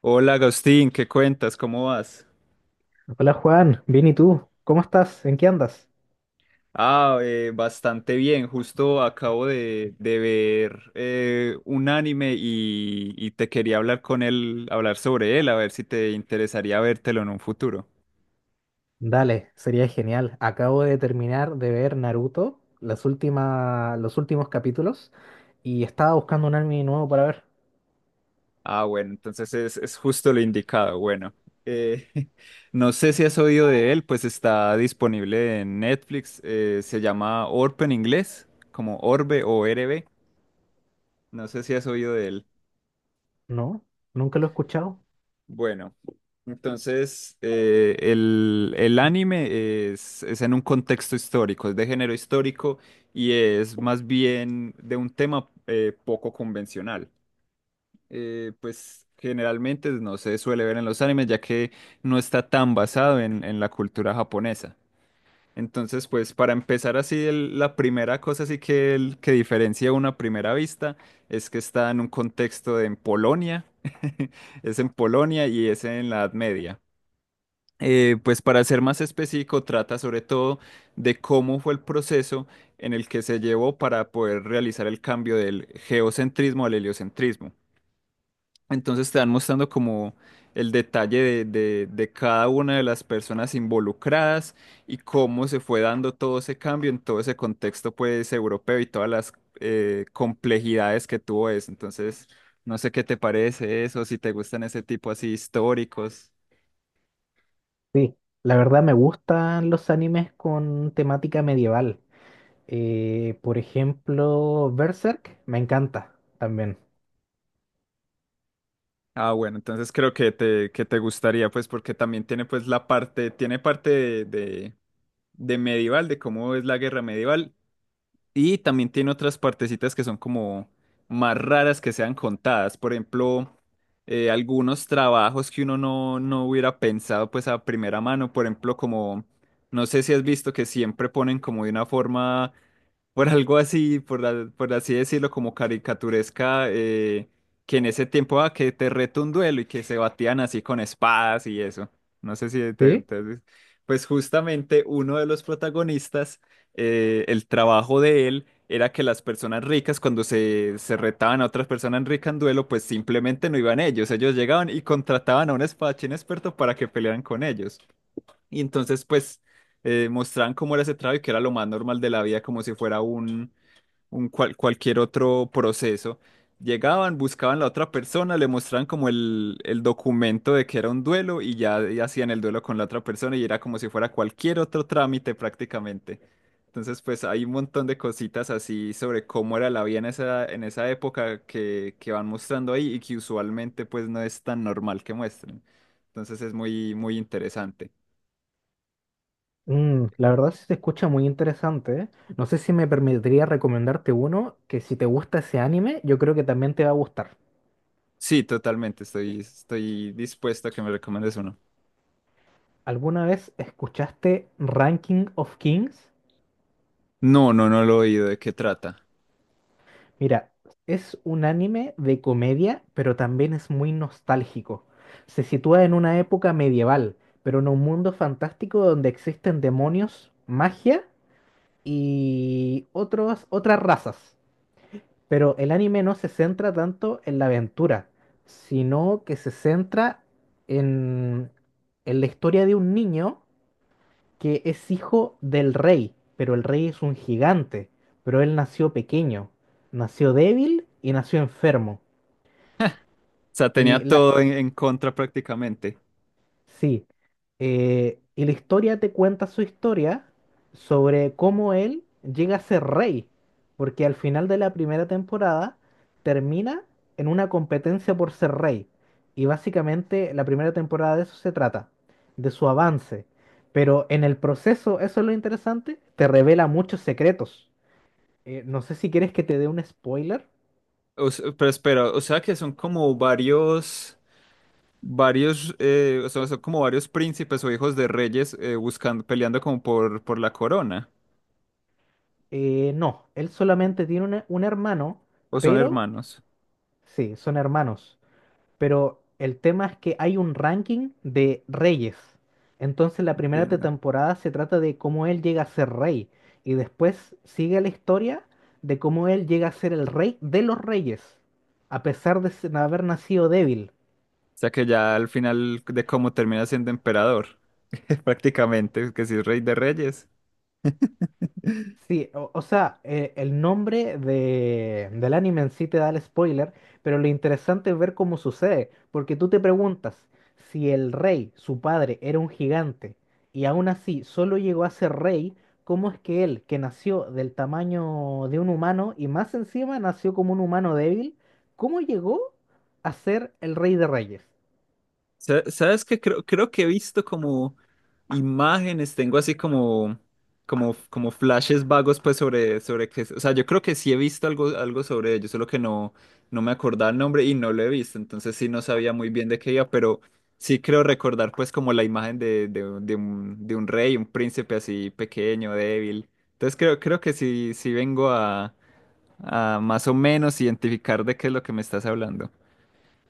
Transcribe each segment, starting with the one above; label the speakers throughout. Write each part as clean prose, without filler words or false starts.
Speaker 1: Hola Agustín, ¿qué cuentas? ¿Cómo vas?
Speaker 2: Hola Juan, bien, ¿y tú, cómo estás? ¿En qué andas?
Speaker 1: Bastante bien. Justo acabo de ver un anime, y te quería hablar con él, hablar sobre él, a ver si te interesaría vértelo en un futuro.
Speaker 2: Dale, sería genial. Acabo de terminar de ver Naruto, los últimos capítulos, y estaba buscando un anime nuevo para ver.
Speaker 1: Ah, bueno, entonces es justo lo indicado. Bueno, eh, no sé si has oído de él, pues está disponible en Netflix. Se llama Orb en inglés, como Orbe o RB. No sé si has oído de él.
Speaker 2: ¿No? ¿Nunca lo he escuchado?
Speaker 1: Bueno, entonces el anime es en un contexto histórico, es de género histórico y es más bien de un tema poco convencional. Pues generalmente no se suele ver en los animes, ya que no está tan basado en la cultura japonesa. Entonces, pues para empezar así, la primera cosa así que, que diferencia una primera vista es que está en un contexto de en Polonia, es en Polonia y es en la Edad Media. Pues para ser más específico, trata sobre todo de cómo fue el proceso en el que se llevó para poder realizar el cambio del geocentrismo al heliocentrismo. Entonces te van mostrando como el detalle de cada una de las personas involucradas y cómo se fue dando todo ese cambio en todo ese contexto pues europeo y todas las complejidades que tuvo eso. Entonces, no sé qué te parece eso, si te gustan ese tipo así históricos.
Speaker 2: Sí, la verdad me gustan los animes con temática medieval. Por ejemplo, Berserk me encanta también.
Speaker 1: Ah, bueno, entonces creo que que te gustaría pues porque también tiene pues la parte, tiene parte de medieval, de cómo es la guerra medieval. Y también tiene otras partecitas que son como más raras que sean contadas. Por ejemplo, algunos trabajos que uno no hubiera pensado pues a primera mano. Por ejemplo, como, no sé si has visto que siempre ponen como de una forma, por algo así, por, por así decirlo, como caricaturesca, que en ese tiempo, ah, que te reto un duelo y que se batían así con espadas y eso. No sé si te,
Speaker 2: ¿Sí?
Speaker 1: te- Pues justamente uno de los protagonistas el trabajo de él era que las personas ricas, cuando se retaban a otras personas ricas en duelo, pues simplemente no iban ellos. Ellos llegaban y contrataban a un espadachín experto para que pelearan con ellos. Y entonces, pues, mostraban cómo era ese trabajo y que era lo más normal de la vida, como si fuera un cualquier otro proceso. Llegaban, buscaban a la otra persona, le mostraban como el documento de que era un duelo, y ya, y hacían el duelo con la otra persona y era como si fuera cualquier otro trámite prácticamente. Entonces, pues hay un montón de cositas así sobre cómo era la vida en en esa época que van mostrando ahí y que usualmente pues no es tan normal que muestren. Entonces es muy, muy interesante.
Speaker 2: Mm, la verdad sí se escucha muy interesante, ¿eh? No sé si me permitiría recomendarte uno que, si te gusta ese anime, yo creo que también te va a gustar.
Speaker 1: Sí, totalmente, estoy dispuesto a que me recomiendes uno.
Speaker 2: ¿Alguna vez escuchaste Ranking of Kings?
Speaker 1: No, no, no lo he oído, ¿de qué trata?
Speaker 2: Mira, es un anime de comedia, pero también es muy nostálgico. Se sitúa en una época medieval, pero en un mundo fantástico donde existen demonios, magia y otras razas. Pero el anime no se centra tanto en la aventura, sino que se centra en, en la historia de un niño que es hijo del rey, pero el rey es un gigante, pero él nació pequeño, nació débil y nació enfermo.
Speaker 1: O sea,
Speaker 2: Y
Speaker 1: tenía
Speaker 2: la-
Speaker 1: todo en contra prácticamente.
Speaker 2: Sí, y la historia te cuenta su historia sobre cómo él llega a ser rey, porque al final de la primera temporada termina en una competencia por ser rey. Y básicamente la primera temporada de eso se trata, de su avance. Pero en el proceso, eso es lo interesante, te revela muchos secretos. No sé si quieres que te dé un spoiler.
Speaker 1: Pero espera, o sea que son como varios, varios, o sea, son como varios príncipes o hijos de reyes buscando, peleando como por la corona.
Speaker 2: No, él solamente tiene un hermano,
Speaker 1: O son
Speaker 2: pero
Speaker 1: hermanos,
Speaker 2: sí, son hermanos. Pero el tema es que hay un ranking de reyes. Entonces la
Speaker 1: entiende. O
Speaker 2: temporada se trata de cómo él llega a ser rey. Y después sigue la historia de cómo él llega a ser el rey de los reyes, a pesar de haber nacido débil.
Speaker 1: sea que ya al final de cómo termina siendo emperador, prácticamente, que si es rey de reyes.
Speaker 2: Sí, o sea, el nombre del anime en sí te da el spoiler, pero lo interesante es ver cómo sucede, porque tú te preguntas si el rey, su padre, era un gigante y aún así solo llegó a ser rey, ¿cómo es que él, que nació del tamaño de un humano y más encima nació como un humano débil, cómo llegó a ser el rey de reyes?
Speaker 1: ¿Sabes qué? Creo que he visto como imágenes, tengo así como flashes vagos pues sobre que, o sea, yo creo que sí he visto algo, algo sobre ello, solo que no, no me acordaba el nombre y no lo he visto, entonces sí no sabía muy bien de qué iba, pero sí creo recordar pues como la imagen de un rey, un príncipe así pequeño, débil. Entonces creo que sí, sí vengo a más o menos identificar de qué es lo que me estás hablando.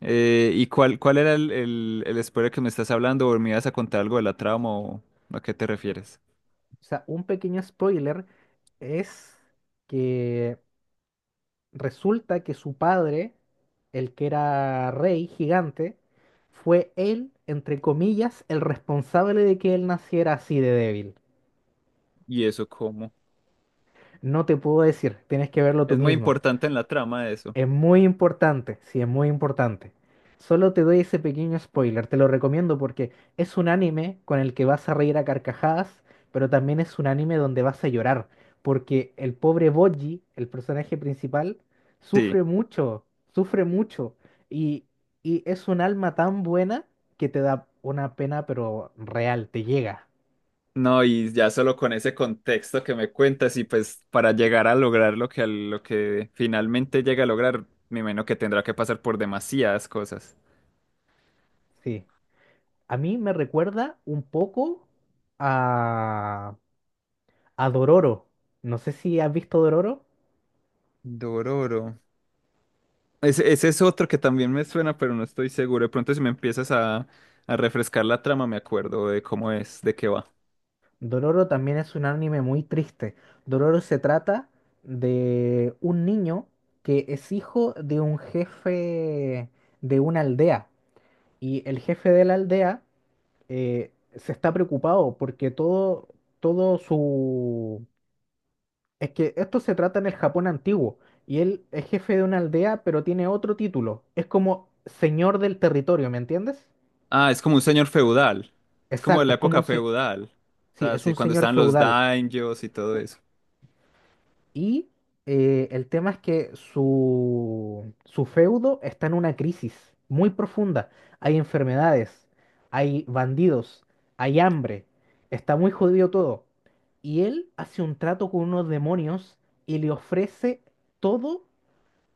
Speaker 1: ¿Y cuál era el spoiler que me estás hablando? ¿O me ibas a contar algo de la trama o a qué te refieres?
Speaker 2: O sea, un pequeño spoiler es que resulta que su padre, el que era rey gigante, fue él, entre comillas, el responsable de que él naciera así de débil.
Speaker 1: ¿Y eso cómo?
Speaker 2: No te puedo decir, tienes que verlo tú
Speaker 1: Es muy
Speaker 2: mismo.
Speaker 1: importante en la trama eso.
Speaker 2: Es muy importante, sí, es muy importante. Solo te doy ese pequeño spoiler, te lo recomiendo porque es un anime con el que vas a reír a carcajadas, pero también es un anime donde vas a llorar, porque el pobre Boji, el personaje principal,
Speaker 1: Sí,
Speaker 2: sufre mucho, sufre mucho, y, y es un alma tan buena que te da una pena, pero real, te llega.
Speaker 1: no, y ya solo con ese contexto que me cuentas y pues para llegar a lograr lo que, lo que finalmente llega a lograr, me imagino que tendrá que pasar por demasiadas cosas.
Speaker 2: Sí. A mí me recuerda un poco a... a Dororo. No sé si has visto Dororo.
Speaker 1: Dororo. Ese es otro que también me suena, pero no estoy seguro. De pronto si me empiezas a refrescar la trama, me acuerdo de cómo es, de qué va.
Speaker 2: Dororo también es un anime muy triste. Dororo se trata de un niño que es hijo de un jefe de una aldea. Y el jefe de la aldea se está preocupado porque todo su... Es que esto se trata en el Japón antiguo. Y él es jefe de una aldea, pero tiene otro título. Es como señor del territorio, ¿me entiendes?
Speaker 1: Ah, es como un señor feudal. Es como de
Speaker 2: Exacto,
Speaker 1: la
Speaker 2: es como
Speaker 1: época feudal. O
Speaker 2: sí,
Speaker 1: sea,
Speaker 2: es
Speaker 1: sí,
Speaker 2: un
Speaker 1: cuando
Speaker 2: señor
Speaker 1: estaban los
Speaker 2: feudal.
Speaker 1: daños y todo eso.
Speaker 2: Y el tema es que su feudo está en una crisis muy profunda. Hay enfermedades, hay bandidos, hay hambre. Está muy jodido todo. Y él hace un trato con unos demonios y le ofrece todo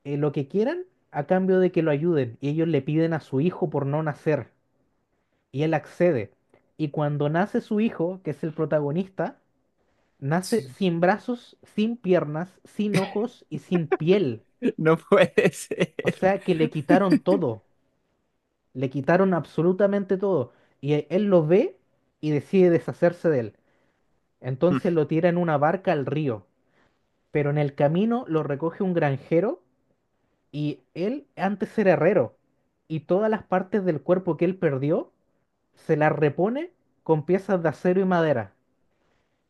Speaker 2: lo que quieran a cambio de que lo ayuden. Y ellos le piden a su hijo por no nacer. Y él accede. Y cuando nace su hijo, que es el protagonista, nace
Speaker 1: Sí.
Speaker 2: sin brazos, sin piernas, sin ojos y sin piel.
Speaker 1: No puede ser.
Speaker 2: O sea que le quitaron todo. Le quitaron absolutamente todo. Y él lo ve y decide deshacerse de él.
Speaker 1: Mm.
Speaker 2: Entonces lo tira en una barca al río. Pero en el camino lo recoge un granjero, y él antes era herrero. Y todas las partes del cuerpo que él perdió se las repone con piezas de acero y madera.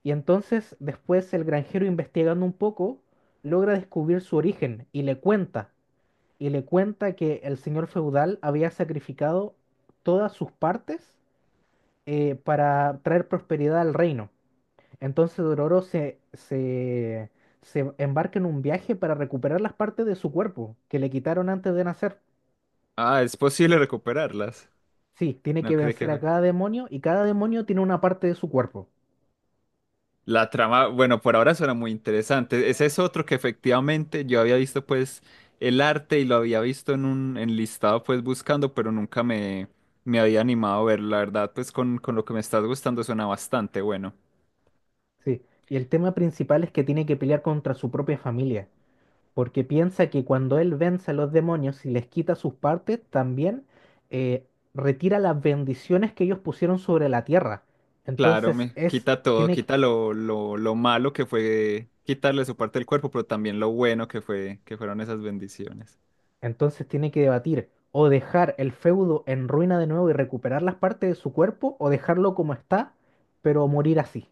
Speaker 2: Y entonces, después, el granjero, investigando un poco, logra descubrir su origen y le cuenta, que el señor feudal había sacrificado todas sus partes para traer prosperidad al reino. Entonces Dororo se embarca en un viaje para recuperar las partes de su cuerpo que le quitaron antes de nacer.
Speaker 1: Ah, es posible recuperarlas.
Speaker 2: Sí, tiene
Speaker 1: No
Speaker 2: que
Speaker 1: cree que
Speaker 2: vencer a
Speaker 1: fue.
Speaker 2: cada demonio y cada demonio tiene una parte de su cuerpo.
Speaker 1: La trama, bueno, por ahora suena muy interesante. Ese es otro que efectivamente yo había visto, pues, el arte y lo había visto en un enlistado, pues, buscando, pero nunca me, me había animado a ver. La verdad, pues, con lo que me estás gustando suena bastante bueno.
Speaker 2: Sí, y el tema principal es que tiene que pelear contra su propia familia porque piensa que cuando él vence a los demonios y les quita sus partes, también eh, retira las bendiciones que ellos pusieron sobre la tierra.
Speaker 1: Claro,
Speaker 2: Entonces
Speaker 1: me
Speaker 2: es,
Speaker 1: quita todo,
Speaker 2: tiene, que-
Speaker 1: quita lo malo que fue quitarle su parte del cuerpo, pero también lo bueno que fue, que fueron esas bendiciones.
Speaker 2: entonces tiene que debatir o dejar el feudo en ruina de nuevo y recuperar las partes de su cuerpo, o dejarlo como está, pero morir así.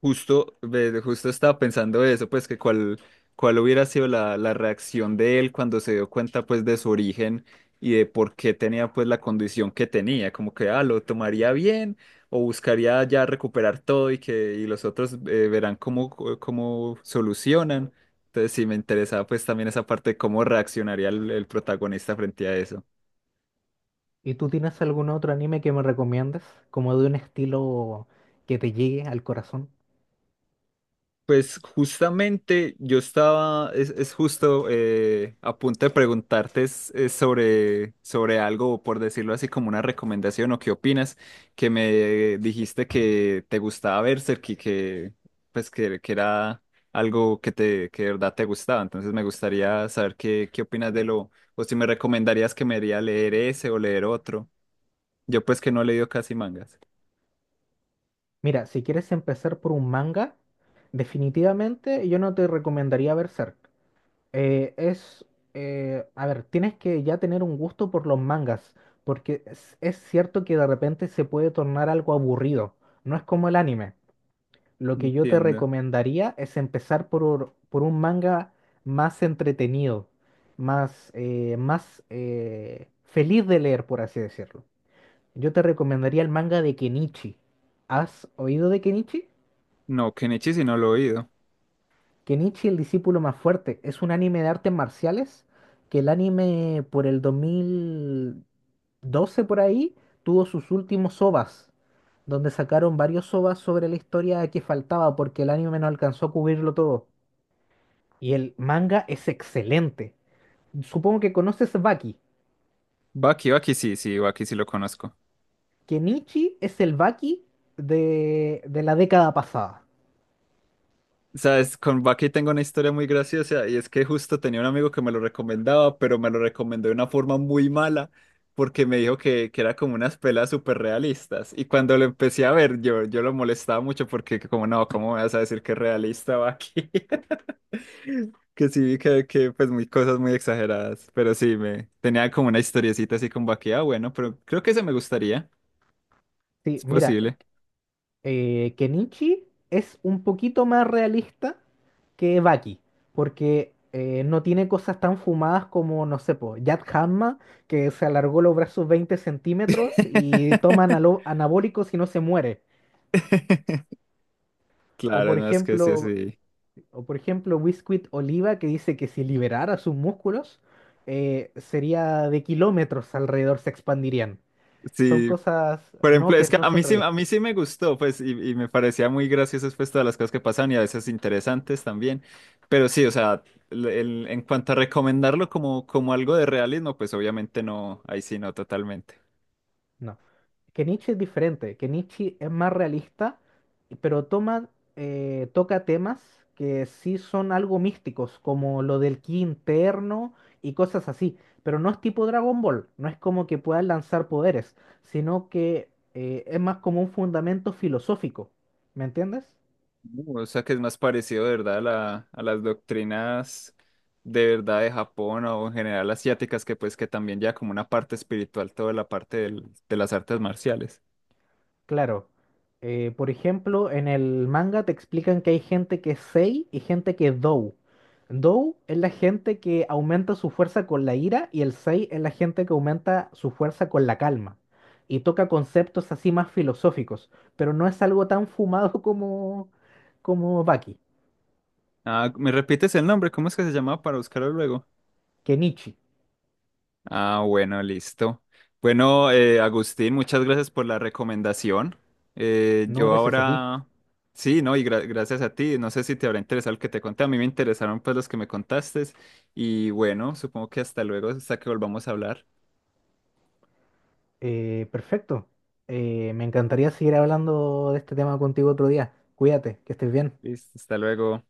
Speaker 1: Justo, ve, justo estaba pensando eso, pues que cuál, cuál hubiera sido la, la reacción de él cuando se dio cuenta pues de su origen y de por qué tenía pues la condición que tenía, como que ah, lo tomaría bien o buscaría ya recuperar todo y que y los otros verán cómo, cómo solucionan. Entonces sí me interesaba pues también esa parte de cómo reaccionaría el protagonista frente a eso.
Speaker 2: ¿Y tú tienes algún otro anime que me recomiendes? Como de un estilo que te llegue al corazón.
Speaker 1: Pues justamente yo estaba, es justo a punto de preguntarte es sobre, sobre algo, por decirlo así, como una recomendación o qué opinas, que me dijiste que te gustaba Berserk y que pues que era algo que te que de verdad te gustaba. Entonces me gustaría saber qué, qué opinas de lo, o si me recomendarías que me iría a leer ese o leer otro. Yo pues que no he leído casi mangas.
Speaker 2: Mira, si quieres empezar por un manga, definitivamente yo no te recomendaría Berserk. Eh, es, a ver, tienes que ya tener un gusto por los mangas, porque es cierto que de repente se puede tornar algo aburrido. No es como el anime. Lo que yo te
Speaker 1: Entiendo.
Speaker 2: recomendaría es empezar por un manga más entretenido, más feliz de leer, por así decirlo. Yo te recomendaría el manga de Kenichi. ¿Has oído de Kenichi?
Speaker 1: No, Kenichi sí no lo he oído.
Speaker 2: Kenichi el discípulo más fuerte es un anime de artes marciales, que el anime por el 2012 por ahí tuvo sus últimos OVAs, donde sacaron varios OVAs sobre la historia que faltaba porque el anime no alcanzó a cubrirlo todo. Y el manga es excelente. Supongo que conoces Baki.
Speaker 1: Baki, Baki sí, sí, Baki sí lo conozco.
Speaker 2: Kenichi es el Baki de la década pasada.
Speaker 1: Sabes, con Baki tengo una historia muy graciosa y es que justo tenía un amigo que me lo recomendaba, pero me lo recomendó de una forma muy mala porque me dijo que era como unas pelas súper realistas. Y cuando lo empecé a ver, yo lo molestaba mucho porque que como no, ¿cómo me vas a decir que es realista Baki? Que sí vi que pues muy cosas muy exageradas, pero sí, me tenía como una historiecita así con Baki, ah, bueno, pero creo que ese me gustaría,
Speaker 2: Sí,
Speaker 1: es
Speaker 2: mira,
Speaker 1: posible.
Speaker 2: Kenichi es un poquito más realista que Baki, porque no tiene cosas tan fumadas como, no sé, po, Yad Hamma, que se alargó los brazos 20 centímetros y toma anabólicos y no se muere. O
Speaker 1: Claro,
Speaker 2: por
Speaker 1: no es que
Speaker 2: ejemplo,
Speaker 1: sí, sí.
Speaker 2: o por ejemplo, Biscuit Oliva, que dice que si liberara sus músculos, sería de kilómetros alrededor, se expandirían. Son
Speaker 1: Sí,
Speaker 2: cosas
Speaker 1: por ejemplo,
Speaker 2: que
Speaker 1: es que
Speaker 2: no son
Speaker 1: a
Speaker 2: realistas.
Speaker 1: mí sí me gustó, pues, y me parecía muy graciosas, pues, todas las cosas que pasaban y a veces interesantes también. Pero sí, o sea, en cuanto a recomendarlo como, como algo de realismo, pues, obviamente no, ahí sí no, totalmente.
Speaker 2: No. Que Nietzsche es diferente, que Nietzsche es más realista, pero toca temas que sí son algo místicos, como lo del ki interno y cosas así. Pero no es tipo Dragon Ball, no es como que puedas lanzar poderes, sino que es más como un fundamento filosófico. ¿Me entiendes?
Speaker 1: O sea, que es más parecido, de verdad, a a las doctrinas de verdad de Japón o en general asiáticas, que pues, que también ya como una parte espiritual, toda la parte de las artes marciales.
Speaker 2: Claro. Por ejemplo, en el manga te explican que hay gente que es Sei y gente que es Dou. Dou es la gente que aumenta su fuerza con la ira y el Sei es la gente que aumenta su fuerza con la calma. Y toca conceptos así más filosóficos, pero no es algo tan fumado como como Baki,
Speaker 1: Ah, ¿me repites el nombre? ¿Cómo es que se llamaba para buscarlo luego?
Speaker 2: que Nietzsche.
Speaker 1: Ah, bueno, listo. Bueno, Agustín, muchas gracias por la recomendación.
Speaker 2: No,
Speaker 1: Yo
Speaker 2: gracias a ti.
Speaker 1: ahora, sí, ¿no? Y gracias a ti. No sé si te habrá interesado el que te conté. A mí me interesaron pues los que me contaste. Y bueno, supongo que hasta luego, hasta que volvamos a hablar.
Speaker 2: Perfecto. Me encantaría seguir hablando de este tema contigo otro día. Cuídate, que estés bien.
Speaker 1: Listo, hasta luego.